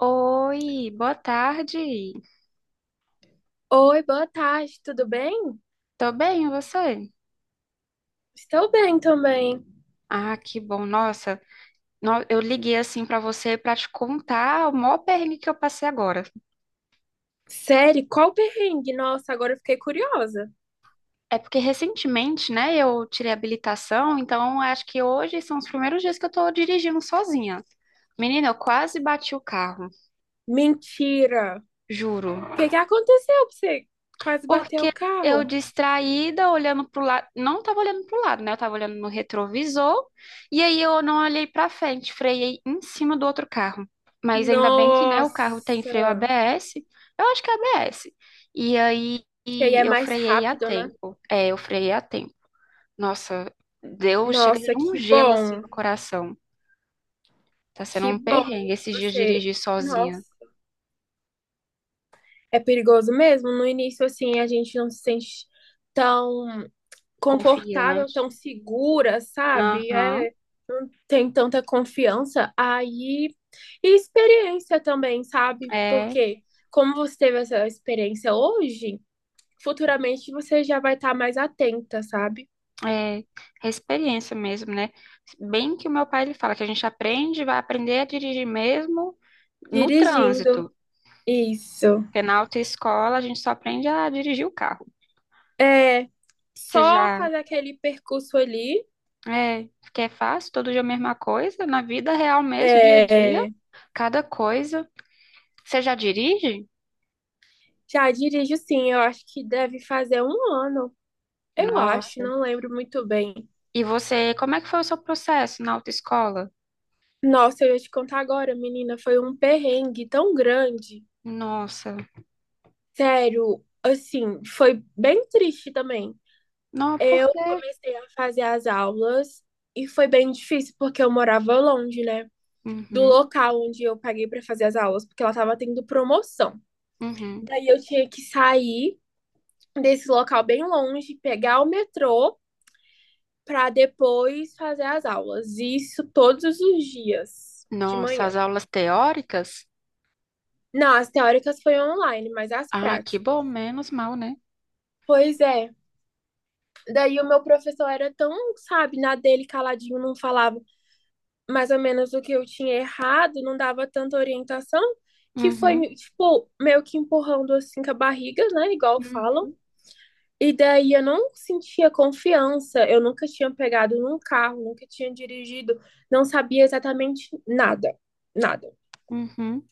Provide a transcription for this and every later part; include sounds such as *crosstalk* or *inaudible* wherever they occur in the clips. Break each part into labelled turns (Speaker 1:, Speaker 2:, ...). Speaker 1: Oi, boa tarde.
Speaker 2: Oi, boa tarde, tudo bem?
Speaker 1: Tô bem, e você?
Speaker 2: Estou bem também.
Speaker 1: Ah, que bom. Nossa, eu liguei assim pra você pra te contar o maior perrengue que eu passei agora.
Speaker 2: Sério, qual perrengue? Nossa, agora eu fiquei curiosa.
Speaker 1: É porque recentemente, né, eu tirei a habilitação, então acho que hoje são os primeiros dias que eu tô dirigindo sozinha. Menina, eu quase bati o carro,
Speaker 2: Mentira! O
Speaker 1: juro.
Speaker 2: que que aconteceu pra você quase bateu o
Speaker 1: Porque eu
Speaker 2: carro?
Speaker 1: distraída, olhando pro lado, não estava olhando pro lado, né? Eu estava olhando no retrovisor, e aí eu não olhei para frente, freiei em cima do outro carro. Mas ainda bem que, né, o carro tem freio
Speaker 2: Nossa!
Speaker 1: ABS, eu acho que é ABS. E aí
Speaker 2: Que aí
Speaker 1: e
Speaker 2: é
Speaker 1: eu
Speaker 2: mais
Speaker 1: freiei a
Speaker 2: rápido, né?
Speaker 1: tempo. É, eu freiei a tempo. Nossa, deu, chega de
Speaker 2: Nossa,
Speaker 1: dar um
Speaker 2: que
Speaker 1: gelo assim
Speaker 2: bom!
Speaker 1: no coração. Tá sendo
Speaker 2: Que
Speaker 1: um
Speaker 2: bom
Speaker 1: perrengue esses dias
Speaker 2: você.
Speaker 1: dirigir sozinha,
Speaker 2: Nossa, é perigoso mesmo. No início, assim, a gente não se sente tão confortável,
Speaker 1: confiante.
Speaker 2: tão segura, sabe?
Speaker 1: Aham,
Speaker 2: É, tem tanta confiança, aí. E experiência também, sabe?
Speaker 1: é.
Speaker 2: Porque como você teve essa experiência hoje, futuramente você já vai estar mais atenta, sabe?
Speaker 1: É, é experiência mesmo, né? Bem que o meu pai ele fala que a gente aprende, vai aprender a dirigir mesmo no
Speaker 2: Dirigindo.
Speaker 1: trânsito.
Speaker 2: Isso.
Speaker 1: Porque na autoescola a gente só aprende a dirigir o carro.
Speaker 2: É
Speaker 1: Você
Speaker 2: só
Speaker 1: já
Speaker 2: fazer aquele percurso ali.
Speaker 1: é, que é fácil, todo dia a mesma coisa, na vida real mesmo, dia a dia,
Speaker 2: É,
Speaker 1: cada coisa. Você já dirige?
Speaker 2: já dirijo sim, eu acho que deve fazer um ano. Eu acho,
Speaker 1: Nossa.
Speaker 2: não lembro muito bem.
Speaker 1: E você, como é que foi o seu processo na autoescola?
Speaker 2: Nossa, eu ia te contar agora, menina, foi um perrengue tão grande.
Speaker 1: Nossa.
Speaker 2: Sério, assim, foi bem triste também.
Speaker 1: Não, por
Speaker 2: Eu
Speaker 1: quê?
Speaker 2: comecei a fazer as aulas e foi bem difícil porque eu morava longe, né? Do
Speaker 1: Uhum,
Speaker 2: local onde eu paguei para fazer as aulas, porque ela tava tendo promoção.
Speaker 1: uhum.
Speaker 2: Daí eu tinha que sair desse local bem longe, pegar o metrô para depois fazer as aulas. Isso todos os dias de
Speaker 1: Nossa,
Speaker 2: manhã.
Speaker 1: as aulas teóricas?
Speaker 2: Não, as teóricas foi online, mas as
Speaker 1: Ah, que
Speaker 2: práticas.
Speaker 1: bom, menos mal, né?
Speaker 2: Pois é. Daí o meu professor era tão, sabe, na dele, caladinho, não falava mais ou menos o que eu tinha errado, não dava tanta orientação, que foi,
Speaker 1: Uhum,
Speaker 2: tipo, meio que empurrando assim com a barriga, né, igual falam.
Speaker 1: uhum,
Speaker 2: E daí eu não sentia confiança, eu nunca tinha pegado num carro, nunca tinha dirigido, não sabia exatamente nada, nada.
Speaker 1: uhum,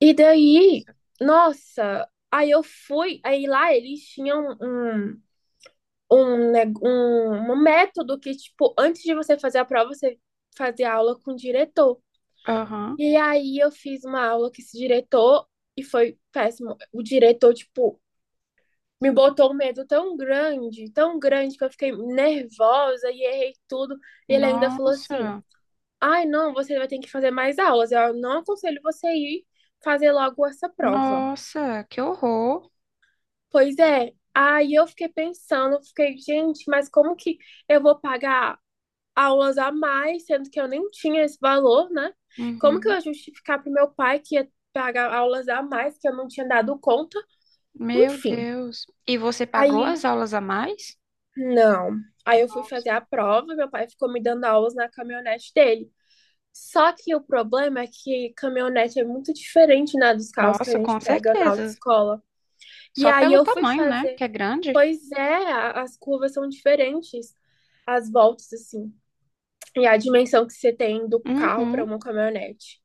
Speaker 2: E daí, nossa, aí eu fui, aí lá eles tinham um método que, tipo, antes de você fazer a prova, você fazia aula com o diretor.
Speaker 1: aham.
Speaker 2: E aí eu fiz uma aula com esse diretor e foi péssimo. O diretor, tipo, me botou um medo tão grande, que eu fiquei nervosa e errei tudo. E ele ainda falou assim:
Speaker 1: Nossa,
Speaker 2: ai, não, você vai ter que fazer mais aulas. Eu não aconselho você ir fazer logo essa prova.
Speaker 1: nossa, que horror.
Speaker 2: Pois é. Aí eu fiquei pensando, fiquei, gente, mas como que eu vou pagar aulas a mais, sendo que eu nem tinha esse valor, né? Como que eu
Speaker 1: Uhum.
Speaker 2: ia justificar pro meu pai que ia pagar aulas a mais que eu não tinha dado conta?
Speaker 1: Meu
Speaker 2: Enfim.
Speaker 1: Deus. E você pagou as
Speaker 2: Aí,
Speaker 1: aulas a mais?
Speaker 2: não. Aí eu fui fazer a prova, meu pai ficou me dando aulas na caminhonete dele. Só que o problema é que caminhonete é muito diferente, né, dos carros que a
Speaker 1: Nossa, com
Speaker 2: gente pega na
Speaker 1: certeza.
Speaker 2: autoescola. E
Speaker 1: Só
Speaker 2: aí
Speaker 1: pelo
Speaker 2: eu fui
Speaker 1: tamanho, né?
Speaker 2: fazer.
Speaker 1: Que é grande.
Speaker 2: Pois é, as curvas são diferentes, as voltas, assim. E a dimensão que você tem do carro para
Speaker 1: Uhum.
Speaker 2: uma caminhonete.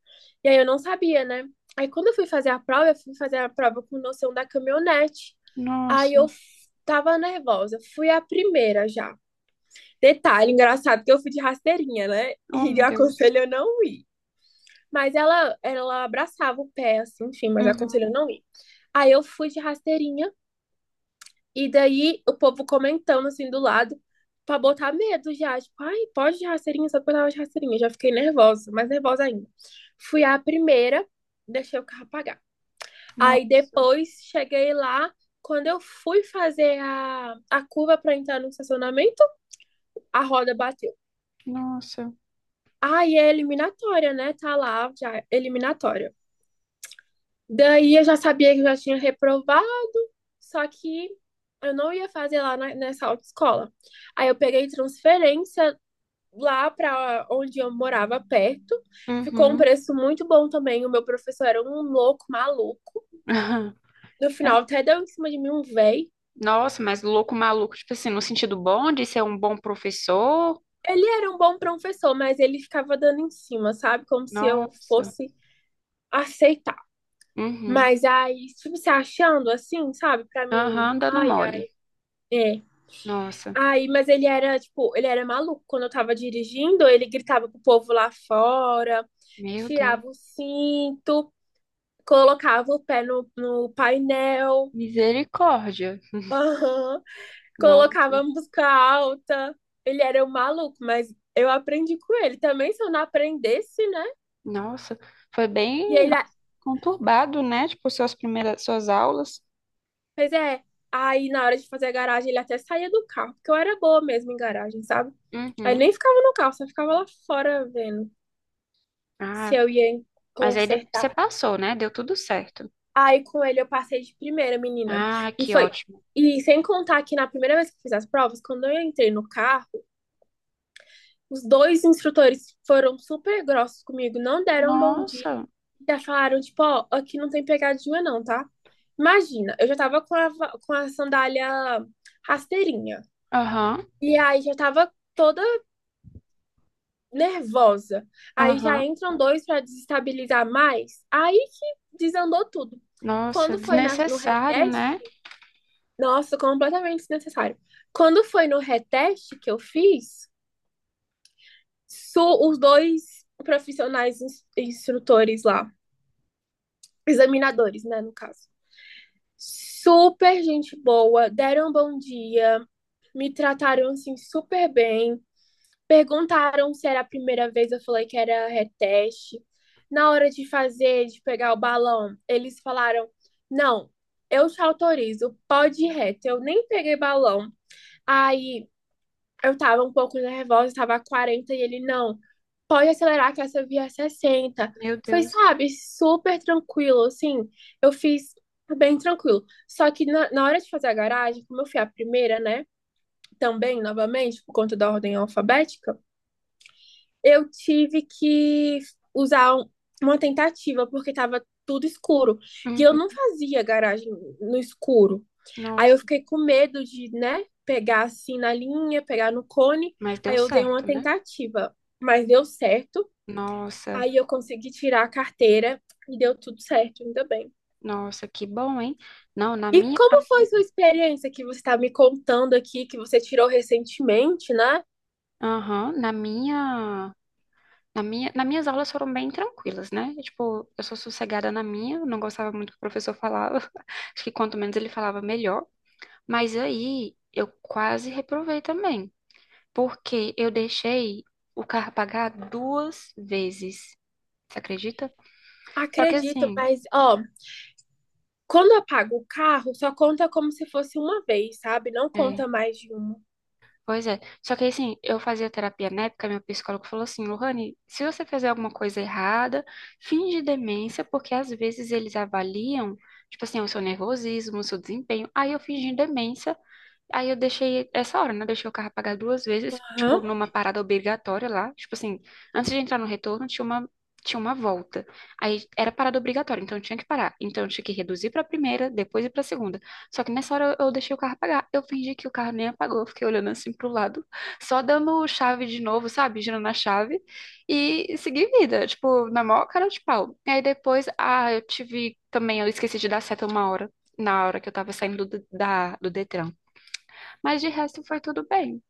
Speaker 2: E aí eu não sabia, né? Aí quando eu fui fazer a prova, eu fui fazer a prova com noção da caminhonete. Aí
Speaker 1: Nossa.
Speaker 2: eu f- Tava nervosa, fui a primeira já. Detalhe engraçado que eu fui de rasteirinha, né?
Speaker 1: Oh,
Speaker 2: E
Speaker 1: meu
Speaker 2: eu
Speaker 1: Deus.
Speaker 2: aconselho eu não ir. Mas ela abraçava o pé, assim, enfim, mas
Speaker 1: Uhum.
Speaker 2: aconselho eu não ir. Aí eu fui de rasteirinha e daí o povo comentando assim do lado pra botar medo já. Tipo, ai, pode de rasteirinha, só pra dar de rasteirinha. Já fiquei nervosa, mais nervosa ainda. Fui a primeira, deixei o carro apagar. Aí
Speaker 1: Nossa.
Speaker 2: depois cheguei lá. Quando eu fui fazer a curva pra entrar no estacionamento, a roda bateu.
Speaker 1: Nossa.
Speaker 2: Aí é eliminatória, né? Tá lá já, eliminatória. Daí eu já sabia que eu já tinha reprovado, só que eu não ia fazer nessa autoescola. Aí eu peguei transferência, lá para onde eu morava perto. Ficou um
Speaker 1: Uhum.
Speaker 2: preço muito bom também. O meu professor era um louco maluco.
Speaker 1: *laughs*
Speaker 2: No
Speaker 1: É.
Speaker 2: final até deu em cima de mim um véi.
Speaker 1: Nossa, mas louco maluco, tipo assim, no sentido bom de ser um bom professor.
Speaker 2: Ele era um bom professor, mas ele ficava dando em cima, sabe? Como se eu
Speaker 1: Nossa.
Speaker 2: fosse aceitar.
Speaker 1: Uhum.
Speaker 2: Mas aí, tipo, se achando assim, sabe? Pra mim,
Speaker 1: Aham, dando
Speaker 2: ai,
Speaker 1: mole.
Speaker 2: é.
Speaker 1: Nossa,
Speaker 2: Aí, mas ele era, tipo, ele era maluco. Quando eu tava dirigindo, ele gritava pro povo lá fora,
Speaker 1: meu Deus.
Speaker 2: tirava o cinto, colocava o pé no painel.
Speaker 1: Misericórdia.
Speaker 2: Aham.
Speaker 1: Nossa,
Speaker 2: Colocava música alta. Ele era um maluco, mas eu aprendi com ele também. Se eu não aprendesse, né?
Speaker 1: nossa. Foi
Speaker 2: E
Speaker 1: bem
Speaker 2: ele,
Speaker 1: nossa,
Speaker 2: a-
Speaker 1: conturbado, né? Tipo, suas primeiras, suas aulas.
Speaker 2: Pois é. Aí na hora de fazer a garagem, ele até saía do carro, porque eu era boa mesmo em garagem, sabe? Aí
Speaker 1: Uhum.
Speaker 2: nem ficava no carro, só ficava lá fora vendo se
Speaker 1: Ah,
Speaker 2: eu ia
Speaker 1: mas aí você
Speaker 2: consertar.
Speaker 1: passou, né? Deu tudo certo.
Speaker 2: Aí com ele eu passei de primeira, menina.
Speaker 1: Ah,
Speaker 2: E
Speaker 1: que
Speaker 2: foi.
Speaker 1: ótimo.
Speaker 2: E sem contar que na primeira vez que eu fiz as provas, quando eu entrei no carro, os dois instrutores foram super grossos comigo, não deram um bom dia.
Speaker 1: Nossa.
Speaker 2: Já falaram, tipo, ó, aqui não tem pegadinha não, tá? Imagina, eu já tava com a sandália rasteirinha.
Speaker 1: Aham,
Speaker 2: E aí já tava toda nervosa. Aí já
Speaker 1: aham.
Speaker 2: entram dois pra desestabilizar mais. Aí que desandou tudo.
Speaker 1: Nossa,
Speaker 2: Quando foi no
Speaker 1: desnecessário,
Speaker 2: reteste,
Speaker 1: né?
Speaker 2: nossa, completamente desnecessário. Quando foi no reteste que eu fiz, os dois instrutores lá, examinadores, né, no caso. Super gente boa, deram um bom dia, me trataram assim super bem. Perguntaram se era a primeira vez, eu falei que era reteste. Na hora de fazer, de pegar o balão, eles falaram: Não, eu te autorizo, pode ir reto. Eu nem peguei balão. Aí eu tava um pouco nervosa, tava a 40 e ele, não, pode acelerar que essa via é 60.
Speaker 1: Meu
Speaker 2: Foi,
Speaker 1: Deus.
Speaker 2: sabe, super tranquilo, assim, eu fiz bem tranquilo. Só que na hora de fazer a garagem, como eu fui a primeira, né, também, novamente, por conta da ordem alfabética, eu tive que usar uma tentativa, porque tava tudo escuro. E eu
Speaker 1: Uhum.
Speaker 2: não fazia garagem no escuro. Aí
Speaker 1: Nossa,
Speaker 2: eu fiquei com medo de, né, pegar assim na linha, pegar no cone.
Speaker 1: mas deu
Speaker 2: Aí eu usei uma
Speaker 1: certo, né?
Speaker 2: tentativa, mas deu certo.
Speaker 1: Nossa,
Speaker 2: Aí eu consegui tirar a carteira e deu tudo certo, ainda bem.
Speaker 1: nossa, que bom, hein? Não, na
Speaker 2: E
Speaker 1: minha.
Speaker 2: como foi sua experiência que você está me contando aqui, que você tirou recentemente, né?
Speaker 1: Aham, nas minhas aulas foram bem tranquilas, né? Tipo, eu sou sossegada na minha, eu não gostava muito do que o professor falava. *laughs* Acho que quanto menos ele falava, melhor. Mas aí eu quase reprovei também, porque eu deixei o carro pagar 2 vezes. Você acredita? Só que
Speaker 2: Acredito,
Speaker 1: assim,
Speaker 2: mas ó, quando eu pago o carro, só conta como se fosse uma vez, sabe? Não
Speaker 1: é,
Speaker 2: conta mais de uma.
Speaker 1: pois é. Só que assim, eu fazia terapia na época, meu psicólogo falou assim, Lohane, se você fizer alguma coisa errada, finge demência, porque às vezes eles avaliam, tipo assim, o seu nervosismo, o seu desempenho. Aí eu fingi demência. Aí eu deixei essa hora, né? Deixei o carro apagar 2 vezes, tipo,
Speaker 2: Aham.
Speaker 1: numa parada obrigatória lá. Tipo assim, antes de entrar no retorno, tinha uma volta. Aí era parada obrigatória, então eu tinha que parar. Então eu tinha que reduzir pra primeira, depois ir pra segunda. Só que nessa hora eu deixei o carro apagar. Eu fingi que o carro nem apagou, eu fiquei olhando assim pro lado, *laughs* só dando chave de novo, sabe? Girando a chave e segui vida, tipo, na maior cara de pau. E aí depois, ah, eu tive também, eu esqueci de dar seta uma hora. Na hora que eu tava saindo do Detran. Mas de resto foi tudo bem.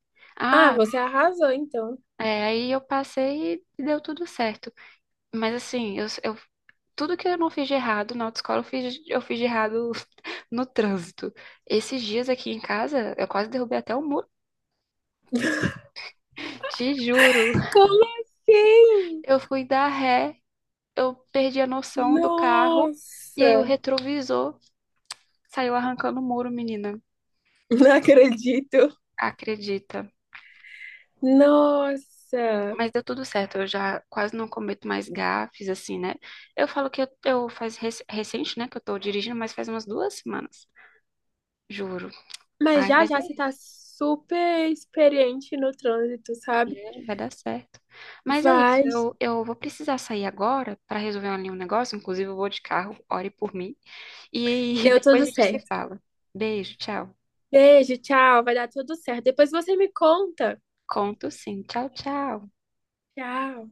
Speaker 2: Ah,
Speaker 1: Ah,
Speaker 2: você arrasou, então.
Speaker 1: é, aí eu passei e deu tudo certo. Mas assim, tudo que eu não fiz de errado na autoescola, eu fiz de errado *laughs* no trânsito. Esses dias aqui em casa, eu quase derrubei até o muro. Te juro.
Speaker 2: Como assim?
Speaker 1: Eu fui dar ré, eu perdi a noção do carro, e aí o
Speaker 2: Nossa,
Speaker 1: retrovisor saiu arrancando o muro, menina.
Speaker 2: *laughs* não acredito.
Speaker 1: Acredita?
Speaker 2: Nossa.
Speaker 1: Mas deu tudo certo, eu já quase não cometo mais gafes, assim, né? Eu falo que eu faz recente, né, que eu tô dirigindo, mas faz umas 2 semanas, juro.
Speaker 2: Mas
Speaker 1: Ai,
Speaker 2: já
Speaker 1: mas
Speaker 2: já
Speaker 1: é,
Speaker 2: você tá super experiente no trânsito, sabe?
Speaker 1: é, vai dar certo. Mas é isso,
Speaker 2: Vai.
Speaker 1: eu vou precisar sair agora para resolver ali um negócio, inclusive eu vou de carro, ore por mim, e *laughs*
Speaker 2: Deu
Speaker 1: depois
Speaker 2: tudo
Speaker 1: a gente se
Speaker 2: certo.
Speaker 1: fala. Beijo, tchau.
Speaker 2: Beijo, tchau. Vai dar tudo certo. Depois você me conta.
Speaker 1: Conto sim, tchau, tchau.
Speaker 2: Tchau.